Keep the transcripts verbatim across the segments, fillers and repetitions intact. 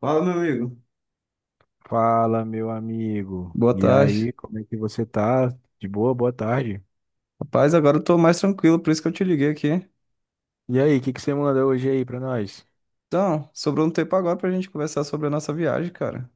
Fala, meu amigo. Fala, meu amigo. Boa E tarde. aí, como é que você tá? De boa, boa tarde. Rapaz, agora eu tô mais tranquilo, por isso que eu te liguei aqui. E aí, o que que você manda hoje aí pra nós? Então, sobrou um tempo agora pra gente conversar sobre a nossa viagem, cara.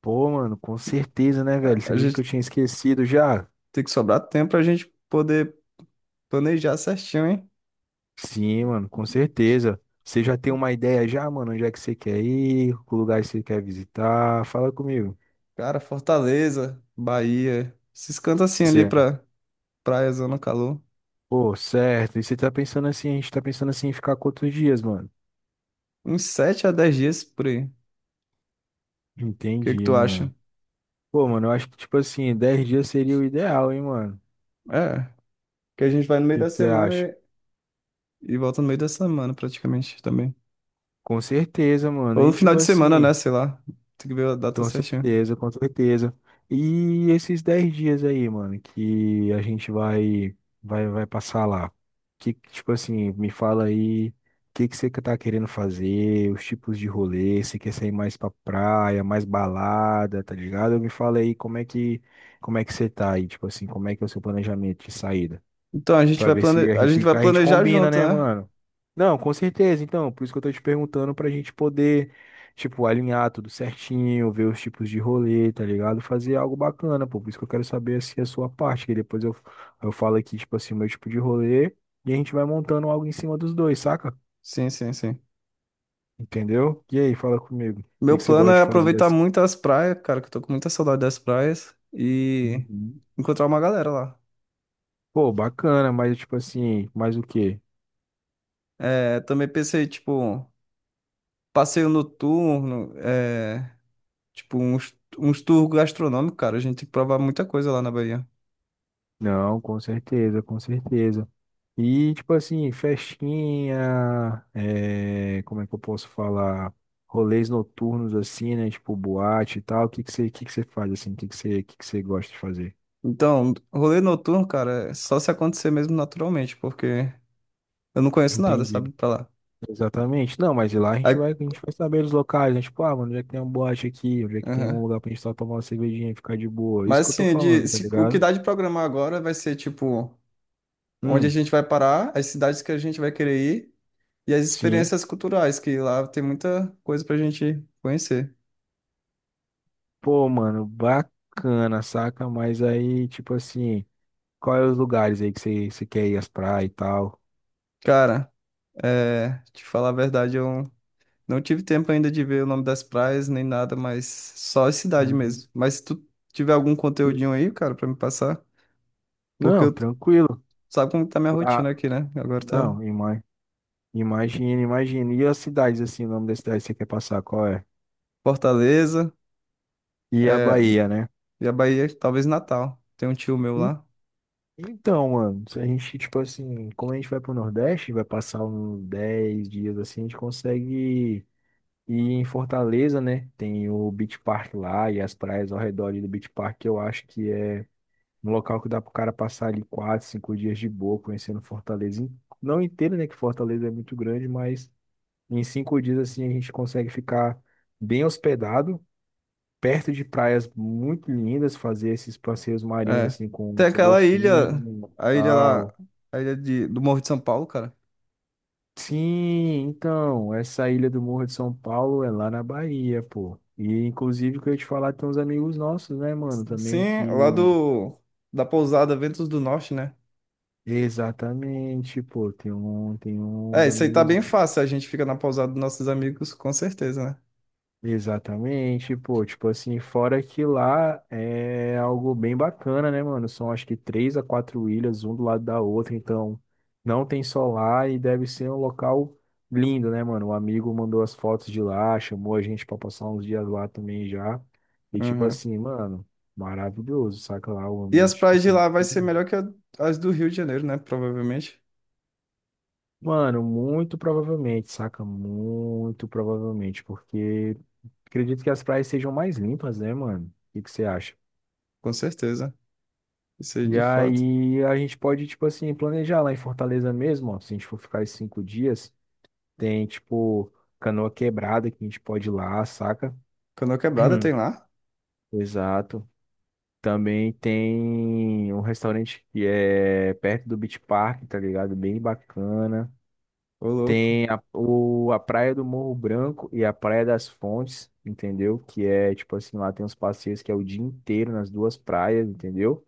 Pô, mano, com certeza, né, A velho? Você a acredita que eu gente tinha esquecido já? tem que sobrar tempo pra gente poder planejar certinho, hein? Sim, mano, com certeza. Você já tem uma ideia já, mano? Onde é que você quer ir? Que lugar que você quer visitar? Fala comigo. Cara, Fortaleza, Bahia, esses cantos assim ali Certo. pra praia, zona calor. Pô, certo. E você tá pensando assim, a gente tá pensando assim em ficar quantos dias, mano? Uns sete a dez dias por aí. O que que Entendi, tu mano. acha? Pô, mano, eu acho que tipo assim, dez dias seria o ideal, hein, mano? É, que a gente vai no O meio que da que você acha? semana e, e volta no meio da semana praticamente também. Com certeza, mano. Ou no E final tipo de semana, assim, né? Sei lá. Tem que ver a data com certinha. certeza, com certeza. E esses dez dias aí, mano, que a gente vai vai vai passar lá. Que tipo assim, me fala aí, o que que você tá querendo fazer, os tipos de rolê, se quer sair mais pra praia, mais balada, tá ligado? Me fala aí como é que como é que você tá aí, tipo assim, como é que é o seu planejamento de saída? Então a gente Pra vai ver se plane... a a gente, gente vai a gente planejar combina, junto, né, né? mano? Não, com certeza. Então, por isso que eu tô te perguntando pra gente poder, tipo, alinhar tudo certinho, ver os tipos de rolê, tá ligado? Fazer algo bacana, pô. Por isso que eu quero saber, assim, a sua parte, que depois eu, eu falo aqui, tipo assim, o meu tipo de rolê e a gente vai montando algo em cima dos dois, saca? Sim, sim, sim. Entendeu? E aí, fala comigo. O que Meu que você plano gosta de é fazer aproveitar assim? muito as praias, cara, que eu tô com muita saudade das praias e Uhum. encontrar uma galera lá. Pô, bacana, mas tipo assim, mais o quê? É, também pensei, tipo, passeio noturno, é, tipo, uns, uns tours gastronômicos, cara. A gente tem que provar muita coisa lá na Bahia. Não, com certeza, com certeza. E, tipo assim, festinha, é, como é que eu posso falar? Rolês noturnos, assim, né? Tipo, boate e tal. O que que você, o que que você faz, assim? O que que você, o que que você gosta de fazer? Então, rolê noturno, cara, é só se acontecer mesmo naturalmente, porque eu não conheço nada, Entendi. sabe, pra lá. Exatamente. Não, mas lá a gente Aí- vai, a gente vai saber os locais, né? Tipo, ah, mano, onde é que tem uma boate aqui? Onde é que tem um Aham. lugar pra gente só tomar uma cervejinha e ficar de boa? Isso Mas que eu tô assim, de, falando, tá se- o que ligado? dá de programar agora vai ser, tipo, onde a Hum, gente vai parar, as cidades que a gente vai querer ir e as sim. experiências culturais, que lá tem muita coisa pra gente conhecer. Pô, mano, bacana, saca? Mas aí, tipo assim, quais os lugares aí que você, você quer ir às praias e tal? Cara, é, te falar a verdade, eu não tive tempo ainda de ver o nome das praias nem nada, mas só a cidade Uhum. mesmo. Mas se tu tiver algum conteúdinho aí, cara, pra me passar, porque Não, eu, tranquilo. sabe como tá minha rotina Ah, aqui, né? Agora tá não, ima- imagina, imagina. E as cidades, assim, o nome da cidade que você quer passar, qual é? Fortaleza, E a é, Bahia, né? e a Bahia, talvez Natal. Tem um tio meu En- lá. Então, mano, se a gente, tipo assim, como a gente vai pro Nordeste, vai passar uns dez dias assim, a gente consegue ir em Fortaleza, né? Tem o Beach Park lá e as praias ao redor ali do Beach Park, que eu acho que é um local que dá pro cara passar ali quatro, cinco dias de boa, conhecendo Fortaleza. in- Não inteiro, né? Que Fortaleza é muito grande, mas. Em cinco dias, assim, a gente consegue ficar bem hospedado, perto de praias muito lindas, fazer esses passeios marinhos, É. assim, com, Tem com aquela golfinho ilha, e a ilha lá, tal. a ilha de, do Morro de São Paulo, cara. Sim, então, essa ilha do Morro de São Paulo é lá na Bahia, pô. E, inclusive, que eu ia te falar, tem uns amigos nossos, né, mano, também Sim, lá que... do, da pousada Ventos do Norte, né? Exatamente, pô, tem um, tem É, uns isso aí tá amigos. bem fácil, a gente fica na pousada dos nossos amigos, com certeza, né? Exatamente, pô, tipo assim, fora que lá é algo bem bacana, né, mano? São acho que três a quatro ilhas, um do lado da outra, então não tem só lá e deve ser um local lindo, né, mano? O amigo mandou as fotos de lá, chamou a gente pra passar uns dias lá também já. E tipo Uhum. assim, mano, maravilhoso, saca lá o E as ambiente, tipo praias de assim. lá vai ser melhor que a- as do Rio de Janeiro, né? Provavelmente, Mano, muito provavelmente, saca? Muito provavelmente, porque acredito que as praias sejam mais limpas, né, mano? O que que você acha? com certeza. Isso aí E de fato. aí a gente pode, tipo assim, planejar lá em Fortaleza mesmo, ó. Se a gente for ficar esses cinco dias, tem, tipo, Canoa Quebrada que a gente pode ir lá, saca? Canoa Quebrada tem lá? Exato. Também tem um restaurante que é perto do Beach Park, tá ligado? Bem bacana. Ô, louco. Tem a, o, a Praia do Morro Branco e a Praia das Fontes, entendeu? Que é, tipo assim, lá tem uns passeios que é o dia inteiro nas duas praias, entendeu?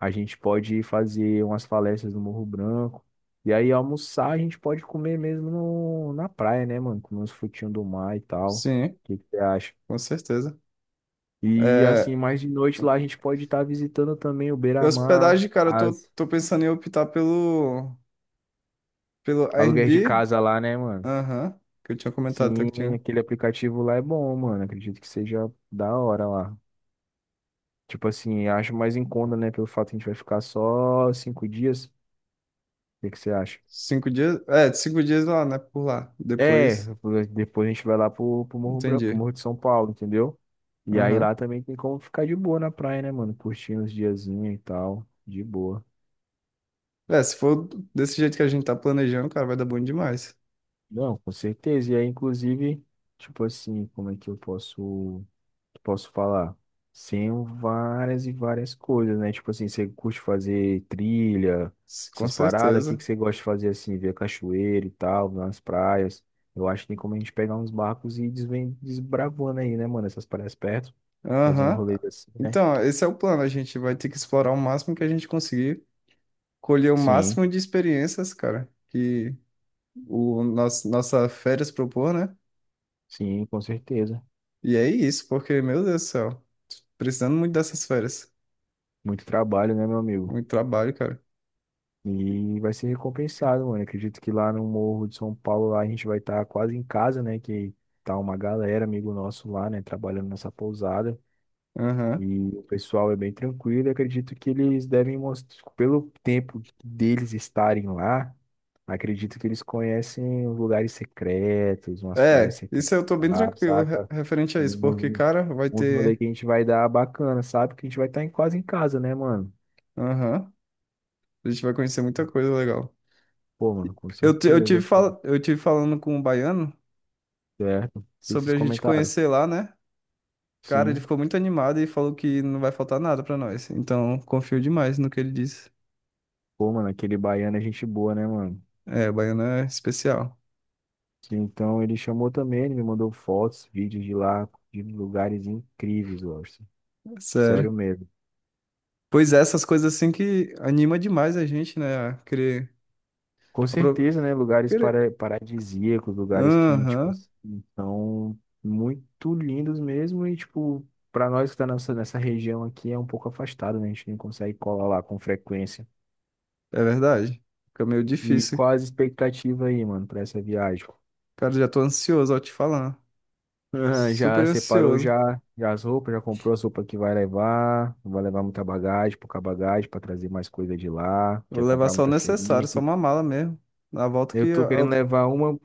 A gente pode fazer umas falésias no Morro Branco. E aí, almoçar, a gente pode comer mesmo no, na praia, né, mano? Comer uns frutinhos do mar e tal. O Sim, que que você acha? com certeza. E É, assim, mais de noite lá, a gente pode estar visitando também o Beira-Mar, hospedagem, cara, eu tô, as tô pensando em optar pelo, pelo aluguéis de Airbnb. casa lá, né, mano? Aham, que eu tinha comentado até que Sim, tinha aquele aplicativo lá é bom, mano. Acredito que seja da hora lá. Tipo assim, acho mais em conta, né? Pelo fato que a gente vai ficar só cinco dias. O que que você acha? cinco dias. É, cinco dias lá, né? Por lá. É, Depois, depois a gente vai lá pro, pro Morro Branco, pro entendi. Morro de São Paulo, entendeu? E aí Aham. lá também tem como ficar de boa na praia, né, mano? Curtindo os diazinhos e tal, de boa. É, se for desse jeito que a gente tá planejando, cara, vai dar bom demais. Não, com certeza. E aí, inclusive, tipo assim, como é que eu posso, posso falar? Sem várias e várias coisas, né? Tipo assim, você curte fazer trilha, S- Com essas paradas, o que que certeza. você gosta de fazer assim, ver cachoeira e tal, nas praias? Eu acho que tem como a gente pegar uns barcos e ir desven- desbravando aí, né, mano? Essas praias perto, fazendo Aham. rolês assim, né? Então, esse é o plano. A gente vai ter que explorar o máximo que a gente conseguir, colher o Sim, máximo de experiências, cara, que o nosso, nossa férias propor, né? sim, com certeza. E é isso, porque, meu Deus do céu, precisando muito dessas férias. Muito trabalho, né, meu amigo? Muito trabalho, cara. E vai ser recompensado, mano. Acredito que lá no Morro de São Paulo, lá a gente vai estar quase em casa, né? Que tá uma galera, amigo nosso lá, né? Trabalhando nessa pousada. Aham. E o pessoal é bem tranquilo. Eu acredito que eles devem mostrar, pelo tempo deles estarem lá, acredito que eles conhecem os lugares secretos, umas praias É, isso secretas, eu tô bem lá, tranquilo re- saca? referente a E isso, porque, uns cara, vai uns rolê ter. que a gente vai dar bacana, sabe? Que a gente vai estar em, quase em casa, né, mano? Aham, a gente vai conhecer muita coisa legal. Pô, mano, com Eu, ti- eu, tive certeza, pô. fal... eu tive falando com um baiano Certo. O que que sobre vocês a gente comentaram? conhecer lá, né? Cara, ele Sim. ficou muito animado e falou que não vai faltar nada pra nós. Então, confio demais no que ele disse. Pô, mano, aquele baiano é gente boa, né, mano? É, baiano é especial, Sim, então ele chamou também, ele me mandou fotos, vídeos de lá, de lugares incríveis, Orson. é Sério sério. mesmo. Pois é, essas coisas assim que anima demais a gente, né? A querer. Com apro- certeza, né? Lugares querer- para, paradisíacos, lugares que, tipo, Aham, assim, são muito lindos mesmo e, tipo, para nós que tá nessa, nessa região aqui é um pouco afastado, né? A gente não consegue colar lá com frequência. é verdade. Fica meio E difícil. qual as expectativas aí, mano, para essa viagem? Cara, já tô ansioso ao te falar. Aham, Super já separou já, ansioso. já as roupas, já comprou as roupas que vai levar, não vai levar muita bagagem, pouca bagagem para trazer mais coisa de lá, Eu quer vou levar comprar só o muita feirinha necessário, só aqui. uma mala mesmo. Na volta Eu que. tô querendo Eu- levar uma,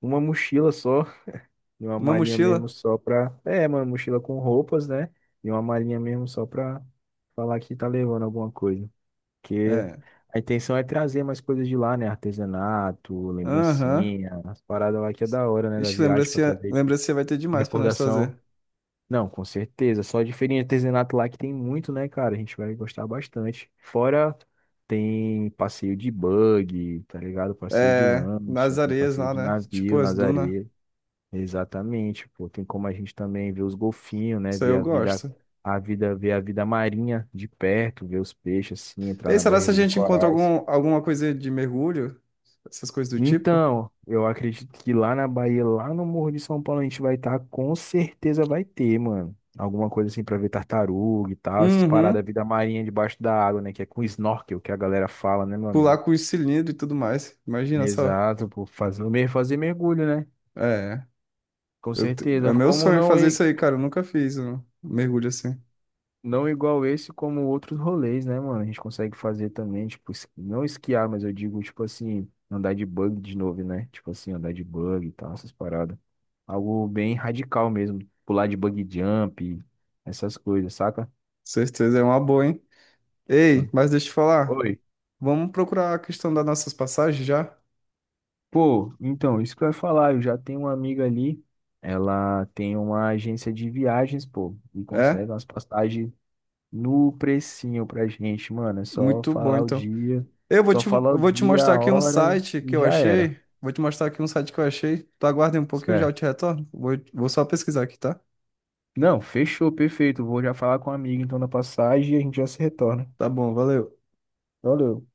uma mochila só, e uma Uma malinha mochila? mesmo só pra. É, uma mochila com roupas, né? E uma malinha mesmo só pra falar que tá levando alguma coisa. Porque É. a intenção é trazer mais coisas de lá, né? Artesanato, Aham. lembrancinha, as paradas lá que é da hora, né? Da Ixi, viagem pra lembrancinha, trazer de lembrancinha vai ter de demais pra nós recordação. trazer. Não, com certeza. Só de feirinha de artesanato lá que tem muito, né, cara? A gente vai gostar bastante. Fora tem passeio de bug, tá ligado? Passeio de É. Nas lancha, tem areias passeio lá, de né? Tipo navio as nas dunas. areias. Exatamente, pô. Tem como a gente também ver os golfinhos, né? Isso aí Ver eu a vida, gosto. a vida, ver a vida marinha de perto, ver os peixes assim, E entrar aí, na será se a barreira de gente encontra corais. algum, alguma coisa de mergulho? Essas coisas do tipo? Então, eu acredito que lá na Bahia, lá no Morro de São Paulo, a gente vai estar, com certeza vai ter, mano. Alguma coisa assim pra ver tartaruga e tal, essas paradas, Uhum. da vida marinha debaixo da água, né? Que é com snorkel que a galera fala, né, meu Pular amigo? com os cilindros e tudo mais. Imagina só. Exato, pô, fazer, mer- fazer mergulho, né? É. Com Eu, te- certeza. é meu Como sonho não. fazer isso aí, cara. Eu nunca fiz um mergulho assim. Não igual esse, como outros rolês, né, mano? A gente consegue fazer também, tipo, es- não esquiar, mas eu digo, tipo assim, andar de bug de novo, né? Tipo assim, andar de bug e tal, essas paradas. Algo bem radical mesmo. Pular de bug jump, essas coisas, saca? Certeza, é uma boa, hein? Ei, mas deixa eu te falar. Oi. Vamos procurar a questão das nossas passagens já? Pô, então, isso que eu ia falar, eu já tenho uma amiga ali, ela tem uma agência de viagens, pô, e É? consegue umas passagens no precinho pra gente, mano. É só Muito bom, falar o então. dia, Eu vou só te, eu falar o vou te dia, mostrar a aqui um hora site que e eu já era, achei. Vou te mostrar aqui um site que eu achei. Tu aguarda aí um pouquinho, já eu certo? te retorno. Vou, vou só pesquisar aqui, tá? Não, fechou, perfeito. Vou já falar com a amiga então na passagem e a gente já se retorna. Tá bom, valeu. Valeu.